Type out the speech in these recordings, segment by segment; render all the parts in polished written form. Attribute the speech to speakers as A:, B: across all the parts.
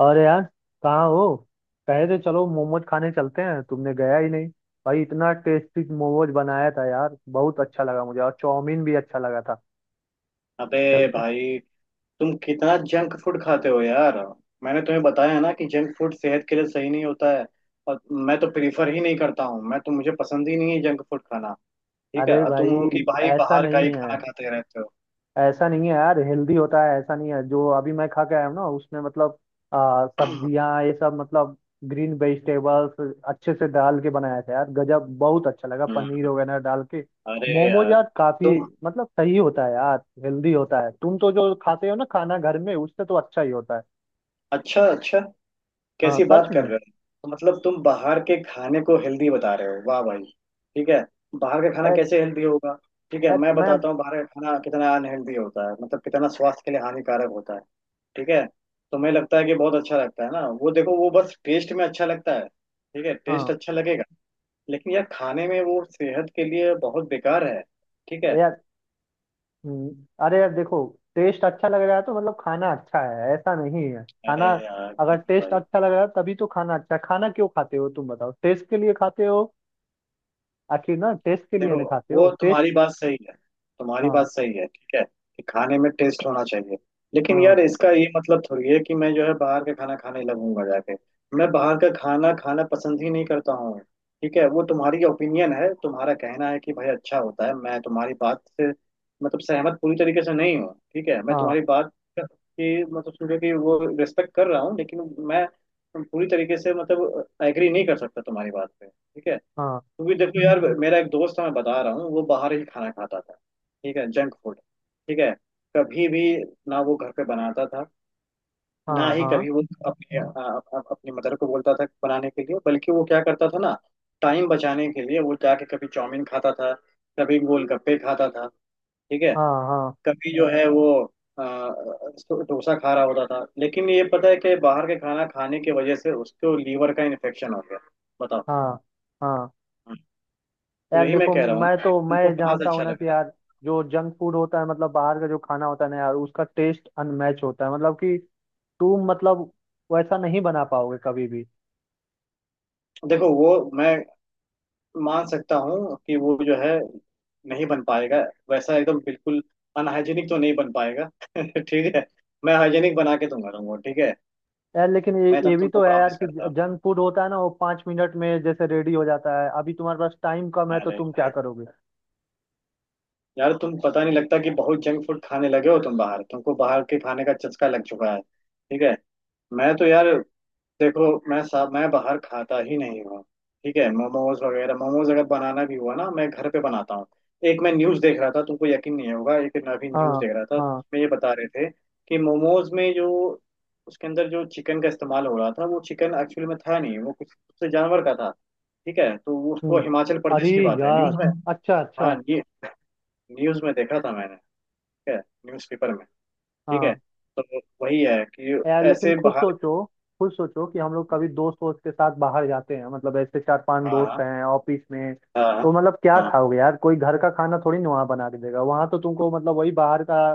A: अरे यार, कहाँ हो। कहे थे चलो मोमोज खाने चलते हैं, तुमने गया ही नहीं। भाई इतना टेस्टी मोमोज बनाया था यार, बहुत अच्छा लगा मुझे। और चाउमीन भी अच्छा लगा था।
B: अबे
A: चलते।
B: भाई। तुम कितना जंक फूड खाते हो यार। मैंने तुम्हें बताया है ना कि जंक फूड सेहत के लिए सही नहीं होता है। और मैं तो प्रीफर ही नहीं करता हूँ, मैं तो मुझे पसंद ही नहीं है जंक फूड खाना। ठीक है,
A: अरे
B: और तुम
A: भाई,
B: हो कि भाई
A: ऐसा
B: बाहर का ही
A: नहीं है।
B: खाना खाते रहते हो।
A: ऐसा नहीं है यार, हेल्दी होता है। ऐसा नहीं है, जो अभी मैं खा के आया हूँ ना उसमें मतलब सब्जियां, ये सब, मतलब ग्रीन वेजिटेबल्स अच्छे से डाल के बनाया था यार। गजब, बहुत अच्छा लगा,
B: हम्म,
A: पनीर वगैरह डाल के।
B: अरे
A: मोमोज
B: यार
A: यार, काफी
B: तुम।
A: मतलब सही होता है यार। हेल्दी होता है। तुम तो जो खाते हो ना खाना घर में, उससे तो अच्छा ही होता है।
B: अच्छा अच्छा,
A: हाँ,
B: कैसी
A: सच
B: बात कर
A: में।
B: रहे हो। तो मतलब तुम बाहर के खाने को हेल्दी बता रहे हो, वाह भाई। ठीक है, बाहर का खाना
A: ए,
B: कैसे हेल्दी होगा। ठीक है,
A: ए,
B: मैं
A: मैं।
B: बताता हूँ बाहर का खाना कितना अनहेल्दी होता है, मतलब कितना स्वास्थ्य के लिए हानिकारक होता है। ठीक है, तुम्हें लगता है कि बहुत अच्छा लगता है ना वो। देखो वो बस टेस्ट में अच्छा लगता है। ठीक है, टेस्ट
A: हाँ।
B: अच्छा लगेगा, लेकिन यार खाने में वो सेहत के लिए बहुत बेकार है। ठीक है,
A: यार। अरे यार, देखो। टेस्ट अच्छा लग रहा है तो मतलब खाना अच्छा है, ऐसा नहीं है
B: अरे
A: खाना।
B: यार
A: अगर
B: नहीं
A: टेस्ट
B: भाई।
A: अच्छा लग रहा है तभी तो खाना अच्छा है। खाना क्यों खाते हो तुम बताओ? टेस्ट के लिए खाते हो। आखिर ना टेस्ट के लिए
B: देखो,
A: ना खाते हो
B: वो
A: टेस्ट।
B: तुम्हारी बात सही है, तुम्हारी
A: हाँ,
B: बात सही है। ठीक है कि खाने में टेस्ट होना चाहिए, लेकिन
A: हाँ,
B: यार इसका ये मतलब थोड़ी है कि मैं जो है बाहर का खाना खाने लगूंगा जाके। मैं बाहर का खाना खाना पसंद ही नहीं करता हूँ। ठीक है, वो तुम्हारी ओपिनियन है, तुम्हारा कहना है कि भाई अच्छा होता है। मैं तुम्हारी बात से मतलब सहमत पूरी तरीके से नहीं हूँ। ठीक है, मैं
A: हाँ,
B: तुम्हारी बात की मतलब समझो कि वो रिस्पेक्ट कर रहा हूँ, लेकिन मैं पूरी तरीके से मतलब एग्री नहीं कर सकता तुम्हारी बात पे। ठीक है,
A: हाँ,
B: क्योंकि देखो यार मेरा एक दोस्त है, मैं बता रहा हूँ। वो बाहर ही खाना खाता था, ठीक है, जंक फूड। ठीक है, कभी भी ना वो घर पे बनाता था, ना
A: हाँ,
B: ही
A: हाँ,
B: कभी वो अपने अपनी मदर को बोलता था बनाने के लिए। बल्कि वो क्या करता था ना, टाइम बचाने के लिए वो जाके कभी चाउमीन खाता था, कभी गोलगप्पे खाता था। ठीक है,
A: हाँ, हाँ,
B: कभी जो है वो अ, अ, डोसा खा रहा होता था, लेकिन ये पता है कि बाहर के खाना खाने की वजह से उसको लीवर का इन्फेक्शन हो गया। बताओ,
A: हाँ, हाँ।
B: तो
A: यार
B: यही मैं
A: देखो,
B: कह रहा हूँ
A: मैं
B: ना,
A: तो मैं
B: उनको कहाँ से
A: जानता हूँ
B: अच्छा
A: ना
B: लग
A: कि
B: रहा है।
A: यार, जो जंक फूड होता है मतलब बाहर का जो खाना होता है ना यार, उसका टेस्ट अनमैच होता है, मतलब कि तुम मतलब वैसा नहीं बना पाओगे कभी भी।
B: देखो वो, मैं मान सकता हूँ कि वो जो है नहीं बन पाएगा वैसा एकदम बिल्कुल, अनहाइजीनिक तो नहीं बन पाएगा। ठीक है, मैं हाइजीनिक बना के दूंगा तुमको। ठीक है,
A: यार लेकिन ये
B: मैं तो
A: ये भी
B: तुमको
A: तो है यार
B: प्रॉमिस
A: कि
B: करता हूँ।
A: जंक फूड होता है ना, वो पाँच मिनट में जैसे रेडी हो जाता है। अभी तुम्हारे पास टाइम कम है तो
B: अरे
A: तुम क्या
B: यार,
A: करोगे?
B: यार, तुम पता नहीं, लगता कि बहुत जंक फूड खाने लगे हो तुम बाहर, तुमको बाहर के खाने का चस्का लग चुका है। ठीक है, मैं तो यार, देखो मैं साहब मैं बाहर खाता ही नहीं हूँ। ठीक है, मोमोज वगैरह, मोमोज अगर बनाना भी हुआ ना, मैं घर पे बनाता हूँ। एक मैं न्यूज़ देख रहा था, तुमको यकीन नहीं होगा, एक मैं अभी न्यूज़
A: हाँ,
B: देख रहा था
A: हाँ।
B: उसमें ये बता रहे थे कि मोमोज में जो उसके अंदर जो चिकन का इस्तेमाल हो रहा था, वो चिकन एक्चुअली में था नहीं, वो कुछ उससे जानवर का था। ठीक है, तो उसको
A: हम्म।
B: हिमाचल
A: अरे
B: प्रदेश की बात है,
A: यार।
B: न्यूज़ में।
A: अच्छा, अच्छा।
B: हाँ, ये न्यूज़ में देखा था मैंने। ठीक है, न्यूज़ पेपर में। ठीक है,
A: हाँ।
B: तो वही है कि
A: यार लेकिन
B: ऐसे
A: खुद
B: बाहर।
A: सोचो, खुद सोचो कि हम लोग कभी दोस्त वोस्त के साथ बाहर जाते हैं, मतलब ऐसे चार पांच
B: हाँ
A: दोस्त
B: हाँ,
A: हैं ऑफिस में,
B: हाँ हाँ,
A: तो मतलब क्या
B: हाँ,
A: खाओगे यार? कोई घर का खाना थोड़ी ना वहां बना के देगा, वहां तो तुमको मतलब वही बाहर का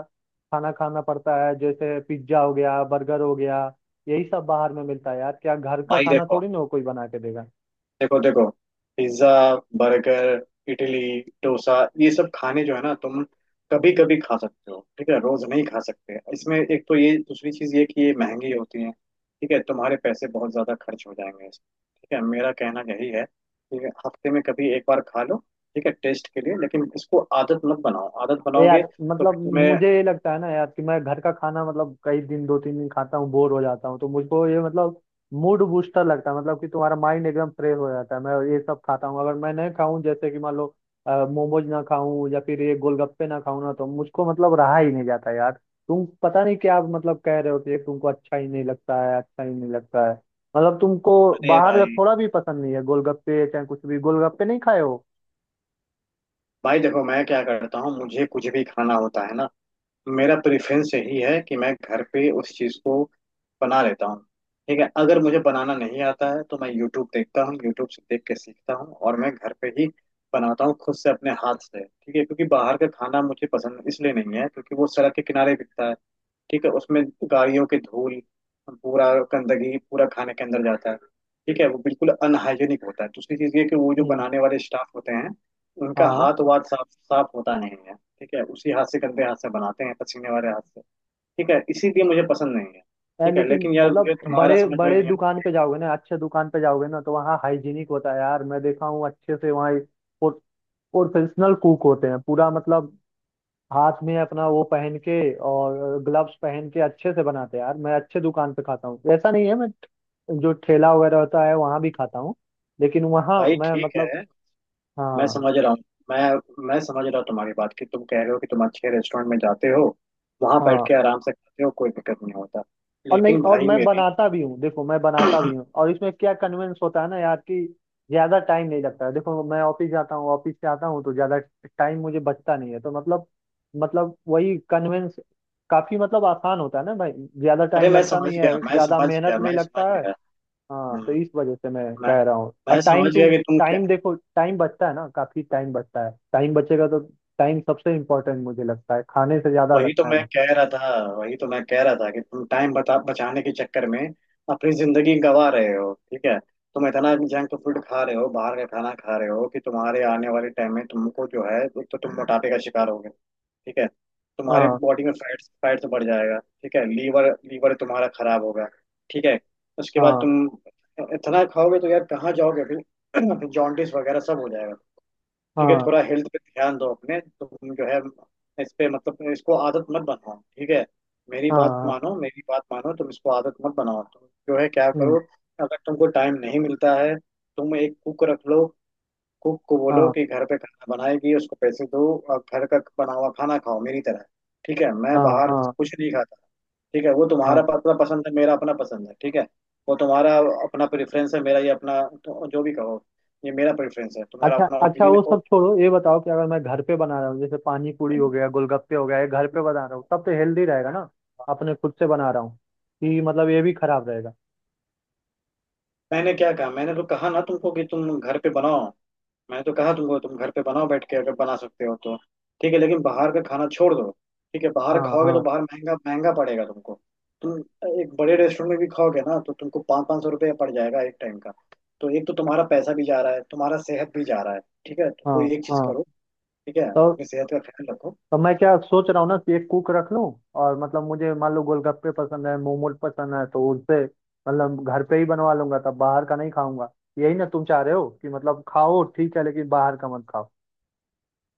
A: खाना खाना पड़ता है, जैसे पिज्जा हो गया, बर्गर हो गया। यही सब बाहर में मिलता है यार, क्या घर का
B: भाई
A: खाना
B: देखो
A: थोड़ी ना वो कोई बना के देगा?
B: देखो देखो, पिज्जा, बर्गर, इडली, डोसा, ये सब खाने जो है ना, तुम कभी कभी खा सकते हो। ठीक है, रोज नहीं खा सकते। इसमें एक तो ये, दूसरी चीज ये कि ये महंगी होती है। ठीक है, तुम्हारे पैसे बहुत ज्यादा खर्च हो जाएंगे इसमें। ठीक है, मेरा कहना यही है कि हफ्ते में कभी एक बार खा लो। ठीक है, टेस्ट के लिए, लेकिन इसको आदत मत बनाओ। आदत बनाओगे
A: यार
B: तो फिर
A: मतलब
B: तुम्हें।
A: मुझे ये लगता है ना यार कि मैं घर का खाना मतलब कई दिन, दो तीन दिन खाता हूँ बोर हो जाता हूँ, तो मुझको ये मतलब मूड बूस्टर लगता है, मतलब कि तुम्हारा माइंड एकदम फ्रेश हो जाता है। मैं ये सब खाता हूँ। अगर मैं नहीं खाऊं, जैसे कि मान लो मोमोज ना खाऊं या फिर ये गोलगप्पे ना खाऊं ना, तो मुझको मतलब रहा ही नहीं जाता यार। तुम पता नहीं क्या मतलब कह रहे हो कि ये तुमको अच्छा ही नहीं लगता है, अच्छा ही नहीं लगता है, मतलब तुमको
B: अरे
A: बाहर का
B: भाई,
A: थोड़ा भी पसंद नहीं है। गोलगप्पे चाहे कुछ भी, गोलगप्पे नहीं खाए हो।
B: भाई देखो, मैं क्या करता हूँ, मुझे कुछ भी खाना होता है ना, मेरा प्रेफरेंस यही है कि मैं घर पे उस चीज़ को बना लेता हूँ। ठीक है, अगर मुझे बनाना नहीं आता है तो मैं यूट्यूब देखता हूँ, यूट्यूब से देख के सीखता हूँ, और मैं घर पे ही बनाता हूँ खुद से अपने हाथ से। ठीक है, क्योंकि बाहर का खाना मुझे पसंद इसलिए नहीं है क्योंकि वो सड़क के किनारे बिकता है। ठीक है, उसमें गाड़ियों की धूल, पूरा गंदगी पूरा खाने के अंदर जाता है। ठीक है, वो बिल्कुल अनहाइजेनिक होता है। दूसरी चीज़ ये कि वो जो
A: हम्म।
B: बनाने वाले स्टाफ होते हैं, उनका
A: हाँ।
B: हाथ वाथ साफ साफ होता नहीं है। ठीक है, उसी हाथ से, गंदे हाथ से बनाते हैं, पसीने वाले हाथ से। ठीक है, इसीलिए मुझे पसंद नहीं है।
A: यार
B: ठीक है,
A: लेकिन
B: लेकिन यार
A: मतलब
B: मुझे तुम्हारा
A: बड़े
B: समझ में
A: बड़े
B: नहीं आता।
A: दुकान पे जाओगे ना, अच्छे दुकान पे जाओगे ना, तो वहाँ हाइजीनिक होता है यार, मैं देखा हूँ अच्छे से। वहाँ प्रोफेशनल कुक होते हैं, पूरा मतलब हाथ में अपना वो पहन के और ग्लव्स पहन के अच्छे से बनाते हैं यार। मैं अच्छे दुकान पे खाता हूँ, ऐसा नहीं है। मैं जो ठेला वगैरह होता है वहाँ भी खाता हूँ, लेकिन वहाँ
B: भाई
A: मैं
B: ठीक
A: मतलब।
B: है, मैं
A: हाँ,
B: समझ रहा हूँ। मैं समझ रहा हूँ तुम्हारी बात, कि तुम कह रहे हो कि तुम अच्छे रेस्टोरेंट में जाते हो, वहां बैठ
A: हाँ।
B: के आराम से खाते हो, कोई दिक्कत नहीं होता।
A: और नहीं,
B: लेकिन
A: और
B: भाई
A: मैं
B: मेरे।
A: बनाता भी हूँ, देखो, मैं बनाता भी हूँ। और इसमें क्या कन्वेंस होता है ना यार कि ज्यादा टाइम नहीं लगता है। देखो, मैं ऑफिस जाता हूँ, ऑफिस से आता हूँ, तो ज्यादा टाइम मुझे बचता नहीं है, तो मतलब मतलब वही कन्वेंस, काफी मतलब आसान होता है ना भाई। ज्यादा
B: अरे
A: टाइम
B: मैं
A: लगता
B: समझ
A: नहीं
B: गया,
A: है,
B: मैं
A: ज्यादा
B: समझ
A: मेहनत
B: गया,
A: नहीं
B: मैं समझ
A: लगता है।
B: गया।
A: हाँ, तो
B: हम्म,
A: इस वजह से मैं
B: मैं
A: कह रहा हूँ। और
B: मैं
A: टाइम,
B: समझ गया
A: तुम
B: कि तुम क्या।
A: टाइम देखो, टाइम बचता है ना, काफी टाइम बचता है। टाइम बचेगा तो टाइम सबसे इम्पोर्टेंट मुझे लगता है, खाने से ज्यादा
B: वही तो
A: लगता है
B: मैं
A: मुझे।
B: कह रहा था, वही तो मैं कह रहा था कि तुम टाइम बता बचाने के चक्कर में अपनी जिंदगी गंवा रहे हो। ठीक है, तुम इतना जंक फूड खा रहे हो, बाहर का खाना खा रहे हो कि तुम्हारे आने वाले टाइम में तुमको जो है, एक तो तुम मोटापे का शिकार होगे। ठीक है, तुम्हारे
A: हाँ,
B: बॉडी में फैट्स फैट्स बढ़ जाएगा। ठीक है, लीवर लीवर तुम्हारा खराब होगा। ठीक है, उसके बाद
A: हाँ,
B: तुम इतना खाओगे तो यार कहाँ जाओगे फिर। जॉन्डिस वगैरह सब हो जाएगा। ठीक है,
A: हाँ,
B: थोड़ा हेल्थ पे ध्यान दो अपने। तुम जो है, इस पे मतलब इसको आदत मत बनाओ। ठीक है, मेरी
A: हाँ,
B: बात
A: हाँ,
B: मानो, मेरी बात मानो, तुम इसको आदत मत बनाओ। तुम जो है क्या
A: हम्म।
B: करो, अगर तुमको टाइम नहीं मिलता है, तुम एक कुक रख लो। कुक को बोलो
A: हाँ,
B: कि घर पे खाना बनाएगी, उसको पैसे दो, और घर का बना हुआ खाना खाओ मेरी तरह। ठीक है, मैं
A: हाँ,
B: बाहर
A: हाँ,
B: कुछ नहीं खाता। ठीक है, वो
A: हाँ।
B: तुम्हारा अपना पसंद है, मेरा अपना पसंद है। ठीक है, वो तुम्हारा अपना प्रेफरेंस है, मेरा ये अपना, तो जो भी कहो, ये मेरा प्रेफरेंस है, तुम्हारा
A: अच्छा,
B: अपना
A: अच्छा,
B: ओपिनियन।
A: वो सब छोड़ो, ये बताओ कि अगर मैं घर पे बना रहा हूँ, जैसे पानी पूरी हो गया, गोलगप्पे हो गया, ये घर पे बना रहा हूँ, तब तो हेल्दी रहेगा ना? अपने खुद से बना रहा हूँ, कि मतलब ये भी खराब रहेगा?
B: मैंने क्या कहा, मैंने तो कहा ना तुमको कि तुम घर पे बनाओ, मैंने तो कहा तुमको तुम घर पे बनाओ, बैठ के अगर बना सकते हो तो। ठीक है, लेकिन बाहर का खाना छोड़ दो। ठीक है, बाहर
A: हाँ,
B: खाओगे तो
A: हाँ,
B: बाहर महंगा महंगा पड़ेगा तुमको। तुम एक बड़े रेस्टोरेंट में भी खाओगे ना, तो तुमको पाँच पाँच सौ रुपये पड़ जाएगा एक टाइम का। तो एक तो तुम्हारा पैसा भी जा रहा है, तुम्हारा सेहत भी जा रहा है। ठीक है, तो
A: हाँ,
B: कोई एक चीज
A: हाँ।
B: करो। ठीक है,
A: तो
B: अपनी सेहत का ख्याल रखो।
A: तो मैं क्या सोच रहा हूँ ना कि एक कुक रख लूँ, और मतलब मुझे मान लो गोलगप्पे पसंद है, मोमोज पसंद है, तो उनसे मतलब घर पे ही बनवा लूंगा, तब बाहर का नहीं खाऊंगा। यही ना तुम चाह रहे हो कि मतलब खाओ ठीक है लेकिन बाहर का मत खाओ।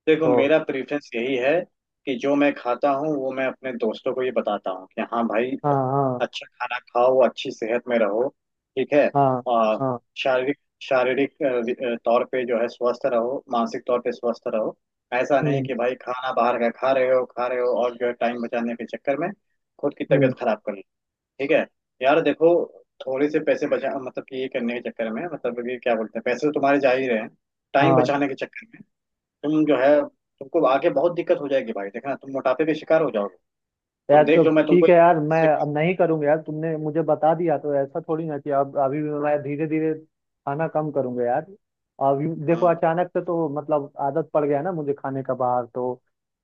B: देखो,
A: तो
B: मेरा प्रेफरेंस यही है कि जो मैं खाता हूँ, वो मैं अपने दोस्तों को ये बताता हूँ कि हाँ भाई,
A: हाँ, हाँ,
B: अच्छा खाना खाओ, अच्छी सेहत में रहो। ठीक है,
A: हाँ,
B: और
A: हाँ।
B: शारीरिक शारीरिक तौर पे जो है स्वस्थ रहो, मानसिक तौर पे स्वस्थ रहो। ऐसा नहीं
A: हम्म।
B: कि भाई खाना बाहर का खा रहे हो, खा रहे हो, और जो है टाइम बचाने के चक्कर में खुद की
A: हम्म।
B: तबीयत खराब कर ली। ठीक है, यार देखो, थोड़े से पैसे बचा, मतलब कि ये करने के चक्कर में, मतलब कि क्या बोलते हैं, पैसे तो तुम्हारे जा ही रहे हैं। टाइम
A: हाँ।
B: बचाने के चक्कर में तुम जो है, तुमको आगे बहुत दिक्कत हो जाएगी भाई, देखना, तुम मोटापे के शिकार हो जाओगे। तुम
A: यार तो
B: देख लो,
A: ठीक है यार, मैं अब नहीं करूंगा यार, तुमने मुझे बता दिया तो ऐसा थोड़ी ना कि अब अभी भी। मैं धीरे धीरे खाना कम करूंगा यार। अब देखो,
B: हम्म,
A: अचानक से तो मतलब आदत पड़ गया ना मुझे खाने का बाहर, तो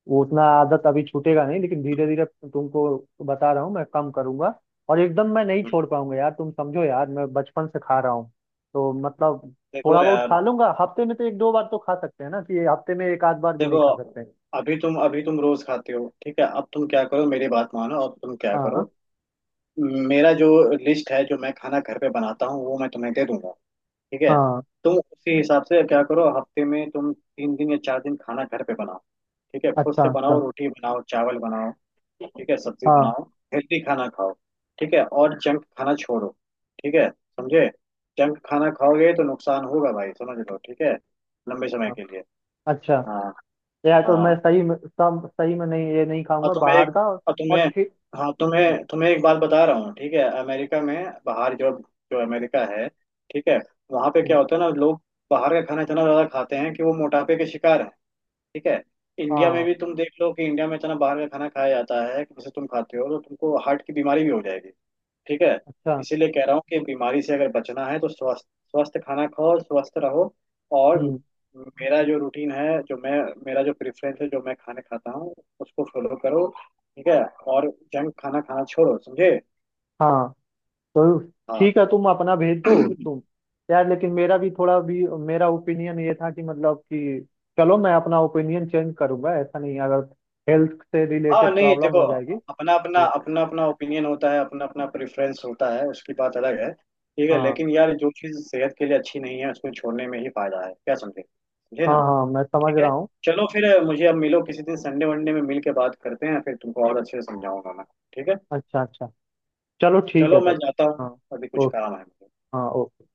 A: वो उतना आदत अभी छूटेगा नहीं, लेकिन धीरे धीरे तुमको बता रहा हूँ, मैं कम करूंगा। और एकदम मैं नहीं
B: हम्म।
A: छोड़ पाऊंगा यार, तुम समझो यार, मैं बचपन से खा रहा हूँ, तो मतलब थोड़ा
B: देखो
A: बहुत
B: यार,
A: खा लूंगा हफ्ते में तो। एक दो बार तो खा सकते हैं ना? कि हफ्ते में एक आध बार भी नहीं
B: देखो,
A: खा सकते?
B: अभी तुम, अभी तुम रोज खाते हो। ठीक है, अब तुम क्या करो, मेरी बात मानो, अब तुम क्या
A: हाँ,
B: करो, मेरा जो लिस्ट है, जो मैं खाना घर पे बनाता हूँ, वो मैं तुम्हें दे दूंगा। ठीक है,
A: हाँ।
B: तुम उसी हिसाब से क्या करो, हफ्ते में तुम तीन दिन या चार दिन खाना घर पे बनाओ। ठीक है, खुद
A: अच्छा,
B: से बनाओ,
A: अच्छा।
B: रोटी बनाओ, चावल बनाओ। ठीक है, सब्जी
A: हाँ,
B: बनाओ, हेल्दी खाना खाओ। ठीक है, और जंक खाना छोड़ो। ठीक है, समझे, जंक खाना खाओगे तो नुकसान होगा भाई, समझ लो। ठीक है, लंबे समय
A: हाँ,
B: के लिए।
A: अच्छा।
B: हाँ,
A: यार, तो
B: हाँ,
A: मैं सही में, सब सही में नहीं, ये नहीं
B: और
A: खाऊंगा
B: तुम्हें
A: बाहर
B: एक,
A: का। और,
B: और तुम्हें,
A: ठीक।
B: हाँ तुम्हें, तुम्हें एक बात बता रहा हूँ। ठीक है, अमेरिका में, बाहर जो, जो अमेरिका है, ठीक है, वहाँ पे
A: हम्म,
B: क्या होता है ना, लोग बाहर का खाना इतना ज़्यादा खाते हैं कि वो मोटापे के शिकार हैं। ठीक है, इंडिया में
A: हाँ।
B: भी तुम देख लो कि इंडिया में इतना बाहर का खाना खाया जाता है कि जैसे तुम खाते हो तो तुमको हार्ट की बीमारी भी हो जाएगी। ठीक है,
A: अच्छा।
B: इसीलिए कह रहा हूँ कि बीमारी से अगर बचना है तो स्वस्थ, स्वस्थ खाना खाओ, स्वस्थ रहो। और
A: हम्म।
B: मेरा जो रूटीन है, जो मैं, मेरा जो प्रेफरेंस है, जो मैं खाने खाता हूँ, उसको फॉलो करो। ठीक है, और जंक खाना खाना छोड़ो, समझे।
A: हाँ, तो
B: हाँ।
A: ठीक है, तुम अपना भेज दो। तुम। यार लेकिन मेरा भी, थोड़ा भी मेरा ओपिनियन ये था कि मतलब कि चलो, मैं अपना ओपिनियन चेंज करूंगा, ऐसा नहीं है, अगर हेल्थ से
B: हाँ,
A: रिलेटेड
B: नहीं
A: प्रॉब्लम
B: देखो,
A: हो जाएगी।
B: अपना अपना
A: तो
B: अपना अपना ओपिनियन होता है, अपना अपना प्रेफरेंस होता है, उसकी बात अलग है। ठीक है,
A: हाँ,
B: लेकिन यार जो चीज़ सेहत के लिए अच्छी नहीं है उसको छोड़ने में ही फायदा है। क्या समझे, समझे
A: हाँ,
B: ना।
A: हाँ मैं समझ
B: ठीक है,
A: रहा हूँ।
B: चलो फिर, मुझे अब मिलो किसी दिन, संडे वनडे में मिल के बात करते हैं फिर, तुमको और अच्छे से समझाऊंगा मैं। ठीक है,
A: अच्छा, अच्छा। चलो ठीक है
B: चलो मैं
A: तब।
B: जाता हूँ,
A: हाँ,
B: अभी कुछ
A: ओके।
B: काम है मुझे।
A: हाँ, ओके।